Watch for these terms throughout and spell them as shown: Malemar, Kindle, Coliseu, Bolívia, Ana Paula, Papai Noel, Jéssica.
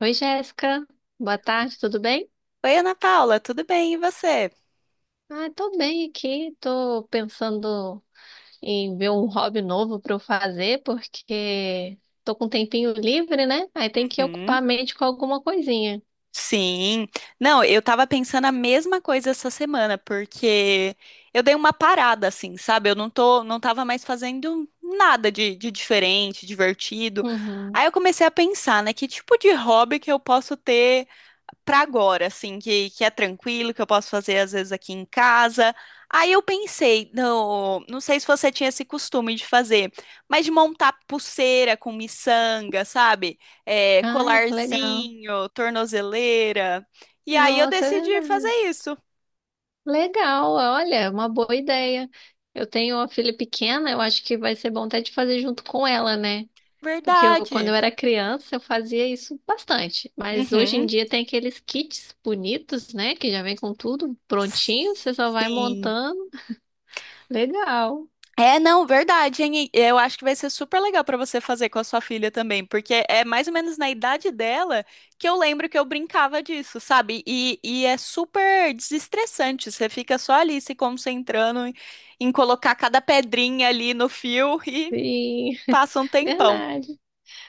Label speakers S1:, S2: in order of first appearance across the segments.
S1: Oi, Jéssica. Boa tarde, tudo bem?
S2: Oi, Ana Paula, tudo bem? E você?
S1: Ah, tô bem aqui. Tô pensando em ver um hobby novo para eu fazer, porque tô com um tempinho livre, né? Aí tem que
S2: Uhum.
S1: ocupar a mente com alguma coisinha.
S2: Sim. Não, eu tava pensando a mesma coisa essa semana, porque eu dei uma parada, assim, sabe? Eu não tava mais fazendo nada de diferente, divertido.
S1: Uhum.
S2: Aí eu comecei a pensar, né? Que tipo de hobby que eu posso ter para agora, assim, que é tranquilo, que eu posso fazer às vezes aqui em casa. Aí eu pensei, não sei se você tinha esse costume de fazer, mas de montar pulseira com miçanga, sabe? É,
S1: Ai, que legal.
S2: colarzinho, tornozeleira. E aí eu
S1: Nossa, é
S2: decidi fazer
S1: verdade.
S2: isso.
S1: Legal, olha, é uma boa ideia. Eu tenho uma filha pequena, eu acho que vai ser bom até de fazer junto com ela, né? Porque eu, quando
S2: Verdade.
S1: eu era criança, eu fazia isso bastante. Mas hoje em
S2: Uhum.
S1: dia tem aqueles kits bonitos, né? Que já vem com tudo prontinho, você só vai
S2: Sim.
S1: montando. Legal.
S2: É, não, verdade, hein? E eu acho que vai ser super legal pra você fazer com a sua filha também, porque é mais ou menos na idade dela que eu lembro que eu brincava disso, sabe? E é super desestressante, você fica só ali se concentrando em colocar cada pedrinha ali no fio e
S1: Sim,
S2: passa um tempão.
S1: verdade.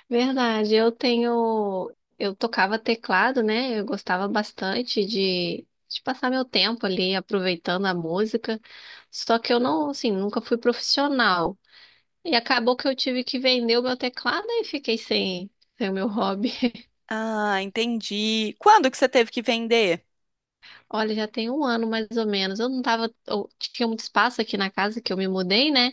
S1: Verdade. Eu tenho. Eu tocava teclado, né? Eu gostava bastante de passar meu tempo ali aproveitando a música. Só que eu não, assim, nunca fui profissional. E acabou que eu tive que vender o meu teclado e fiquei sem o meu hobby.
S2: Ah, entendi. Quando que você teve que vender?
S1: Olha, já tem um ano mais ou menos. Eu não tava, eu tinha muito espaço aqui na casa que eu me mudei, né?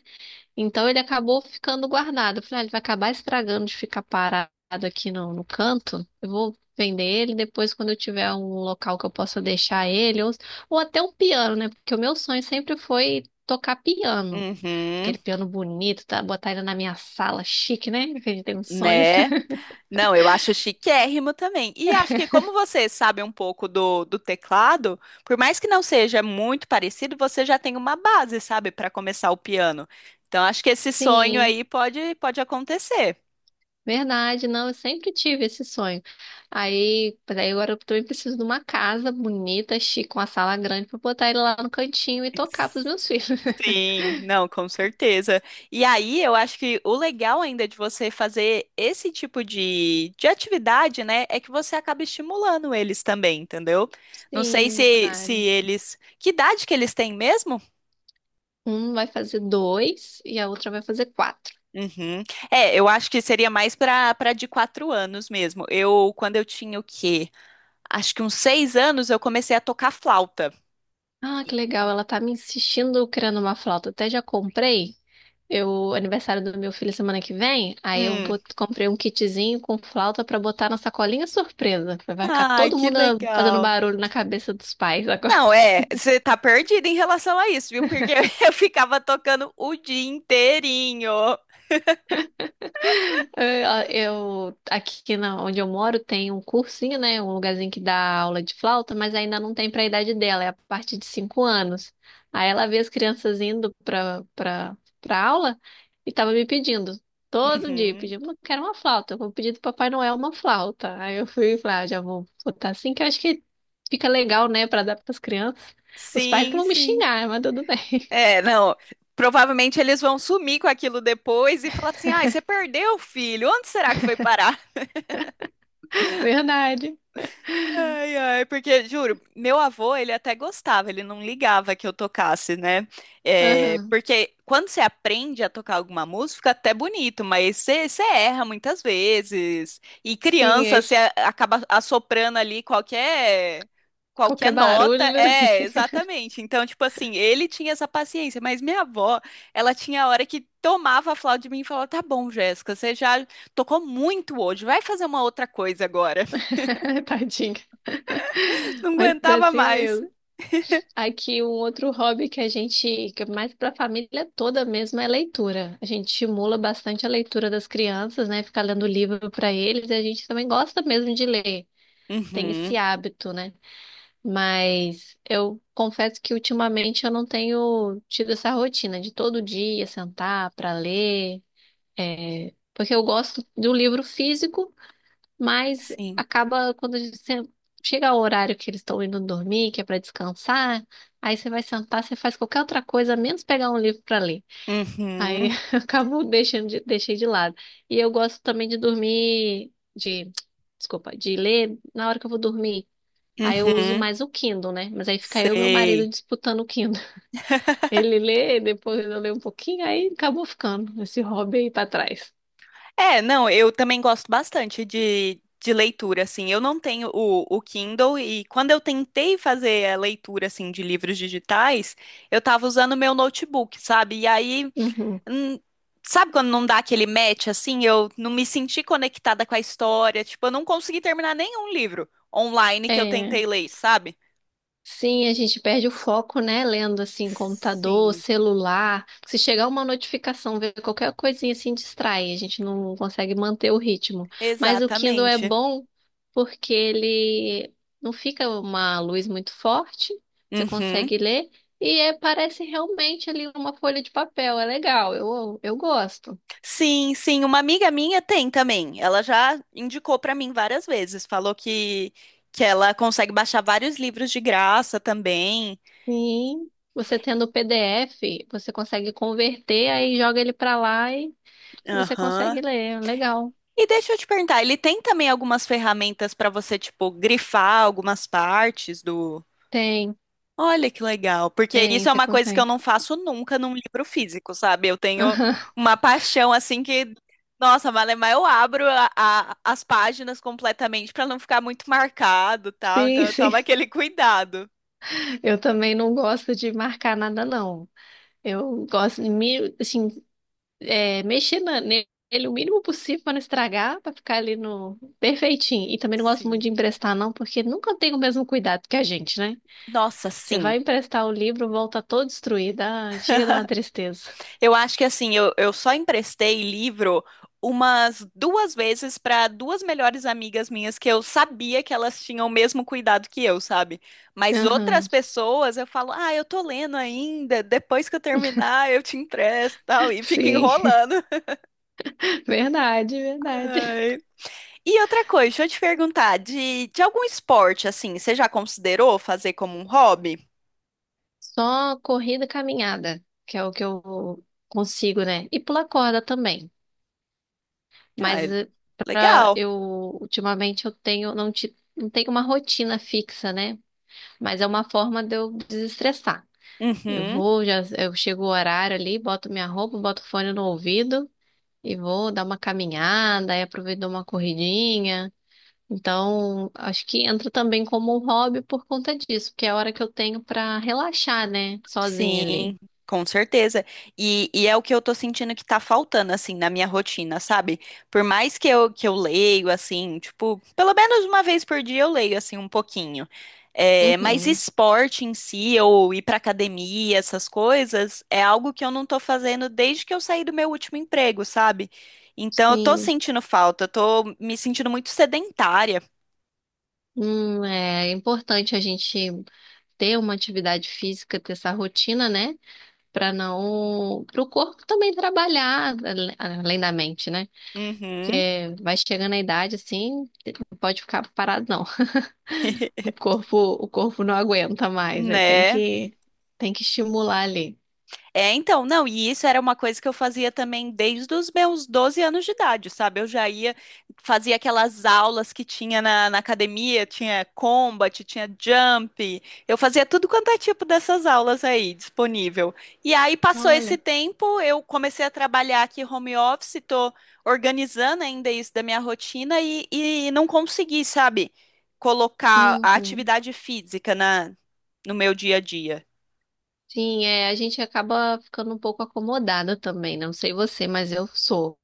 S1: Então ele acabou ficando guardado. Eu falei, ah, ele vai acabar estragando de ficar parado aqui no canto. Eu vou vender ele depois quando eu tiver um local que eu possa deixar ele, ou até um piano, né? Porque o meu sonho sempre foi tocar piano.
S2: Uhum.
S1: Aquele piano bonito, tá? Botar ele na minha sala, chique, né? Que a gente tem uns sonhos.
S2: Né? Não, eu acho chiquérrimo também. E acho que como você sabe um pouco do, do teclado, por mais que não seja muito parecido, você já tem uma base, sabe, para começar o piano. Então acho que esse sonho
S1: Sim.
S2: aí pode acontecer.
S1: Verdade, não, eu sempre tive esse sonho. Aí agora eu também preciso de uma casa bonita, chique, com uma sala grande para botar ele lá no cantinho e tocar pros meus filhos.
S2: Sim, não, com certeza. E aí, eu acho que o legal ainda de você fazer esse tipo de atividade, né, é que você acaba estimulando eles também, entendeu? Não sei
S1: Sim,
S2: se, se
S1: verdade.
S2: eles. Que idade que eles têm mesmo?
S1: Um vai fazer dois e a outra vai fazer quatro.
S2: Uhum. É, eu acho que seria mais para de 4 anos mesmo. Quando eu tinha o quê? Acho que uns 6 anos eu comecei a tocar flauta.
S1: Ah, que legal, ela tá me insistindo criando uma flauta. Até já comprei. Eu, aniversário do meu filho semana que vem, aí eu
S2: Hum.
S1: comprei um kitzinho com flauta pra botar na sacolinha surpresa. Vai ficar
S2: Ai,
S1: todo
S2: que
S1: mundo fazendo
S2: legal.
S1: barulho na cabeça dos pais agora.
S2: Não, é, você tá perdida em relação a isso, viu? Porque eu ficava tocando o dia inteirinho.
S1: É, eu, aqui na, onde eu moro tem um cursinho, né? Um lugarzinho que dá aula de flauta, mas ainda não tem para a idade dela, é a partir de 5 anos. Aí ela vê as crianças indo para aula e tava me pedindo, todo dia,
S2: Uhum.
S1: pedindo, eu quero uma flauta, eu vou pedir do Papai Noel uma flauta. Aí eu fui e falei, ah, já vou botar assim, que eu acho que fica legal, né, para dar para as crianças. Os pais que
S2: Sim,
S1: vão me
S2: sim.
S1: xingar, mas tudo bem.
S2: É, não. Provavelmente eles vão sumir com aquilo depois e falar assim: ai, você perdeu, filho, onde será que foi parar?
S1: Verdade.
S2: Ai, ai, porque, juro, meu avô, ele até gostava, ele não ligava que eu tocasse, né? É,
S1: Aham.
S2: porque quando você aprende a tocar alguma música, fica até bonito, mas você, você erra muitas vezes. E
S1: Sim,
S2: criança,
S1: aí
S2: você acaba assoprando ali qualquer
S1: qualquer
S2: nota.
S1: barulho,
S2: É, exatamente. Então, tipo assim, ele tinha essa paciência, mas minha avó, ela tinha a hora que tomava a flauta de mim e falava, tá bom, Jéssica, você já tocou muito hoje, vai fazer uma outra coisa agora.
S1: tadinho.
S2: Não
S1: Mas é
S2: aguentava
S1: assim
S2: mais.
S1: mesmo. Aqui um outro hobby que que é mais para a família toda mesmo, é leitura. A gente estimula bastante a leitura das crianças, né? Ficar lendo livro para eles e a gente também gosta mesmo de ler. Tem esse
S2: Uhum,
S1: hábito, né? Mas eu confesso que ultimamente eu não tenho tido essa rotina de todo dia sentar para ler, porque eu gosto do livro físico. Mas
S2: sim.
S1: acaba quando você chega ao horário que eles estão indo dormir, que é para descansar, aí você vai sentar, você faz qualquer outra coisa, menos pegar um livro para ler. Aí
S2: Uhum,
S1: eu acabo deixei de lado. E eu gosto também de dormir, desculpa, de ler na hora que eu vou dormir. Aí eu uso
S2: uhum,
S1: mais o Kindle, né? Mas aí fica eu e meu marido
S2: sei.
S1: disputando o Kindle. Ele lê, depois eu leio um pouquinho, aí acabou ficando esse hobby aí para trás.
S2: É, não, eu também gosto bastante de leitura, assim. Eu não tenho o Kindle e quando eu tentei fazer a leitura, assim, de livros digitais, eu tava usando meu notebook, sabe? E aí,
S1: Uhum.
S2: hum, sabe quando não dá aquele match, assim? Eu não me senti conectada com a história, tipo, eu não consegui terminar nenhum livro online que eu
S1: É.
S2: tentei ler, sabe?
S1: Sim, a gente perde o foco, né? Lendo assim, computador,
S2: Sim.
S1: celular. Se chegar uma notificação, ver qualquer coisinha assim distrai, a gente não consegue manter o ritmo. Mas o Kindle é
S2: Exatamente.
S1: bom porque ele não fica uma luz muito forte, você
S2: Uhum.
S1: consegue ler e parece realmente ali uma folha de papel. É legal, eu gosto.
S2: Sim, sim, uma amiga minha tem também. Ela já indicou para mim várias vezes, falou que ela consegue baixar vários livros de graça também.
S1: Sim. Você tendo o PDF, você consegue converter, aí joga ele pra lá e você
S2: Aham.
S1: consegue ler. Legal.
S2: E deixa eu te perguntar, ele tem também algumas ferramentas para você, tipo, grifar algumas partes.
S1: Tem.
S2: Olha que legal, porque
S1: Tem,
S2: isso é
S1: você
S2: uma coisa que eu
S1: consegue.
S2: não faço nunca num livro físico, sabe? Eu tenho
S1: Aham.
S2: uma paixão assim que, nossa, Malemar, eu abro as páginas completamente para não ficar muito marcado, tal. Então
S1: Sim,
S2: eu
S1: sim.
S2: tomo aquele cuidado.
S1: Eu também não gosto de marcar nada, não. Eu gosto de me, assim, mexer nele o mínimo possível para não estragar, para ficar ali no perfeitinho. E também não gosto muito
S2: Sim.
S1: de emprestar, não, porque nunca tem o mesmo cuidado que a gente, né?
S2: Nossa,
S1: Você
S2: sim.
S1: vai emprestar o livro, volta todo destruído. Ai, chega a dar uma tristeza.
S2: Eu acho que assim, eu só emprestei livro umas duas vezes para duas melhores amigas minhas que eu sabia que elas tinham o mesmo cuidado que eu, sabe? Mas outras
S1: Aham.
S2: pessoas eu falo, ah, eu tô lendo ainda, depois que eu terminar eu te empresto, tal, e fica
S1: Sim,
S2: enrolando.
S1: verdade, verdade.
S2: Ai. E outra coisa, deixa eu te perguntar, de algum esporte assim, você já considerou fazer como um hobby?
S1: Só corrida, e caminhada, que é o que eu consigo, né? E pular corda também.
S2: Ah,
S1: Mas
S2: é
S1: para
S2: legal.
S1: eu ultimamente eu tenho não, ti- não tenho uma rotina fixa, né? Mas é uma forma de eu desestressar. Eu
S2: Uhum.
S1: vou, já eu chego o horário ali, boto minha roupa, boto o fone no ouvido e vou dar uma caminhada, aí aproveito dou uma corridinha. Então, acho que entra também como um hobby por conta disso, porque é a hora que eu tenho para relaxar, né? Sozinha ali.
S2: Sim, com certeza. E é o que eu tô sentindo que tá faltando, assim, na minha rotina, sabe? Por mais que eu leio, assim, tipo, pelo menos uma vez por dia eu leio, assim, um pouquinho. É, mas
S1: Uhum.
S2: esporte em si, ou ir pra academia, essas coisas, é algo que eu não tô fazendo desde que eu saí do meu último emprego, sabe? Então eu tô
S1: Sim.
S2: sentindo falta, eu tô me sentindo muito sedentária.
S1: É importante a gente ter uma atividade física, ter essa rotina, né? Para não, para o corpo também trabalhar além da mente, né?
S2: Uhum,
S1: Porque vai chegando a idade assim, não pode ficar parado não. O corpo não aguenta mais, aí tem
S2: né?
S1: que, tem que estimular ali.
S2: É, então, não, e isso era uma coisa que eu fazia também desde os meus 12 anos de idade, sabe? Eu já ia, fazia aquelas aulas que tinha na academia, tinha combat, tinha jump, eu fazia tudo quanto é tipo dessas aulas aí, disponível. E aí passou esse
S1: Olha.
S2: tempo, eu comecei a trabalhar aqui home office, tô organizando ainda isso da minha rotina e não consegui, sabe, colocar a
S1: Uhum.
S2: atividade física no meu dia a dia.
S1: Sim, é, a gente acaba ficando um pouco acomodada também, né? Não sei você, mas eu sou.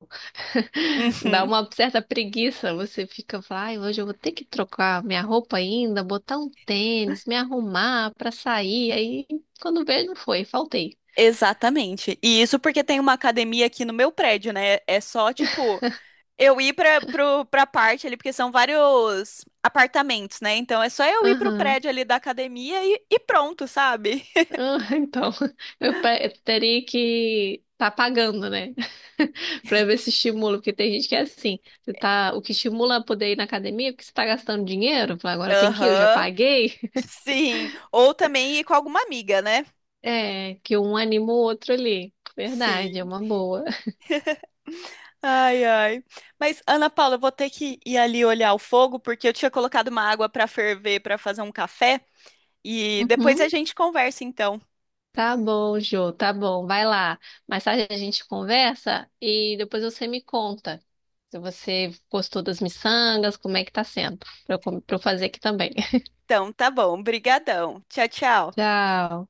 S1: Dá
S2: Uhum.
S1: uma certa preguiça, você fica, fala, ai, hoje eu vou ter que trocar minha roupa ainda, botar um tênis, me arrumar pra sair. Aí, quando veio, não foi, faltei.
S2: Exatamente. E isso porque tem uma academia aqui no meu prédio, né? É só, tipo, eu ir pra parte ali, porque são vários apartamentos, né? Então é só eu ir pro
S1: Aham.
S2: prédio ali da academia e pronto, sabe?
S1: Ah, então, eu teria que tá pagando, né? Pra ver se estimula, porque tem gente que é assim, você tá, o que estimula a poder ir na academia é porque você tá gastando dinheiro, fala, agora tem que ir, eu já
S2: Aham.
S1: paguei.
S2: Sim. Ou também ir com alguma amiga, né?
S1: É, que um anima o outro ali. Verdade, é
S2: Sim.
S1: uma boa.
S2: Ai, ai. Mas, Ana Paula, eu vou ter que ir ali olhar o fogo, porque eu tinha colocado uma água pra ferver pra fazer um café. E depois a
S1: Uhum.
S2: gente conversa, então.
S1: Tá bom, Jô, tá bom, vai lá. Mais tarde a gente conversa e depois você me conta se você gostou das miçangas, como é que tá sendo, pra eu fazer aqui também.
S2: Então, tá bom. Brigadão. Tchau, tchau.
S1: Tchau.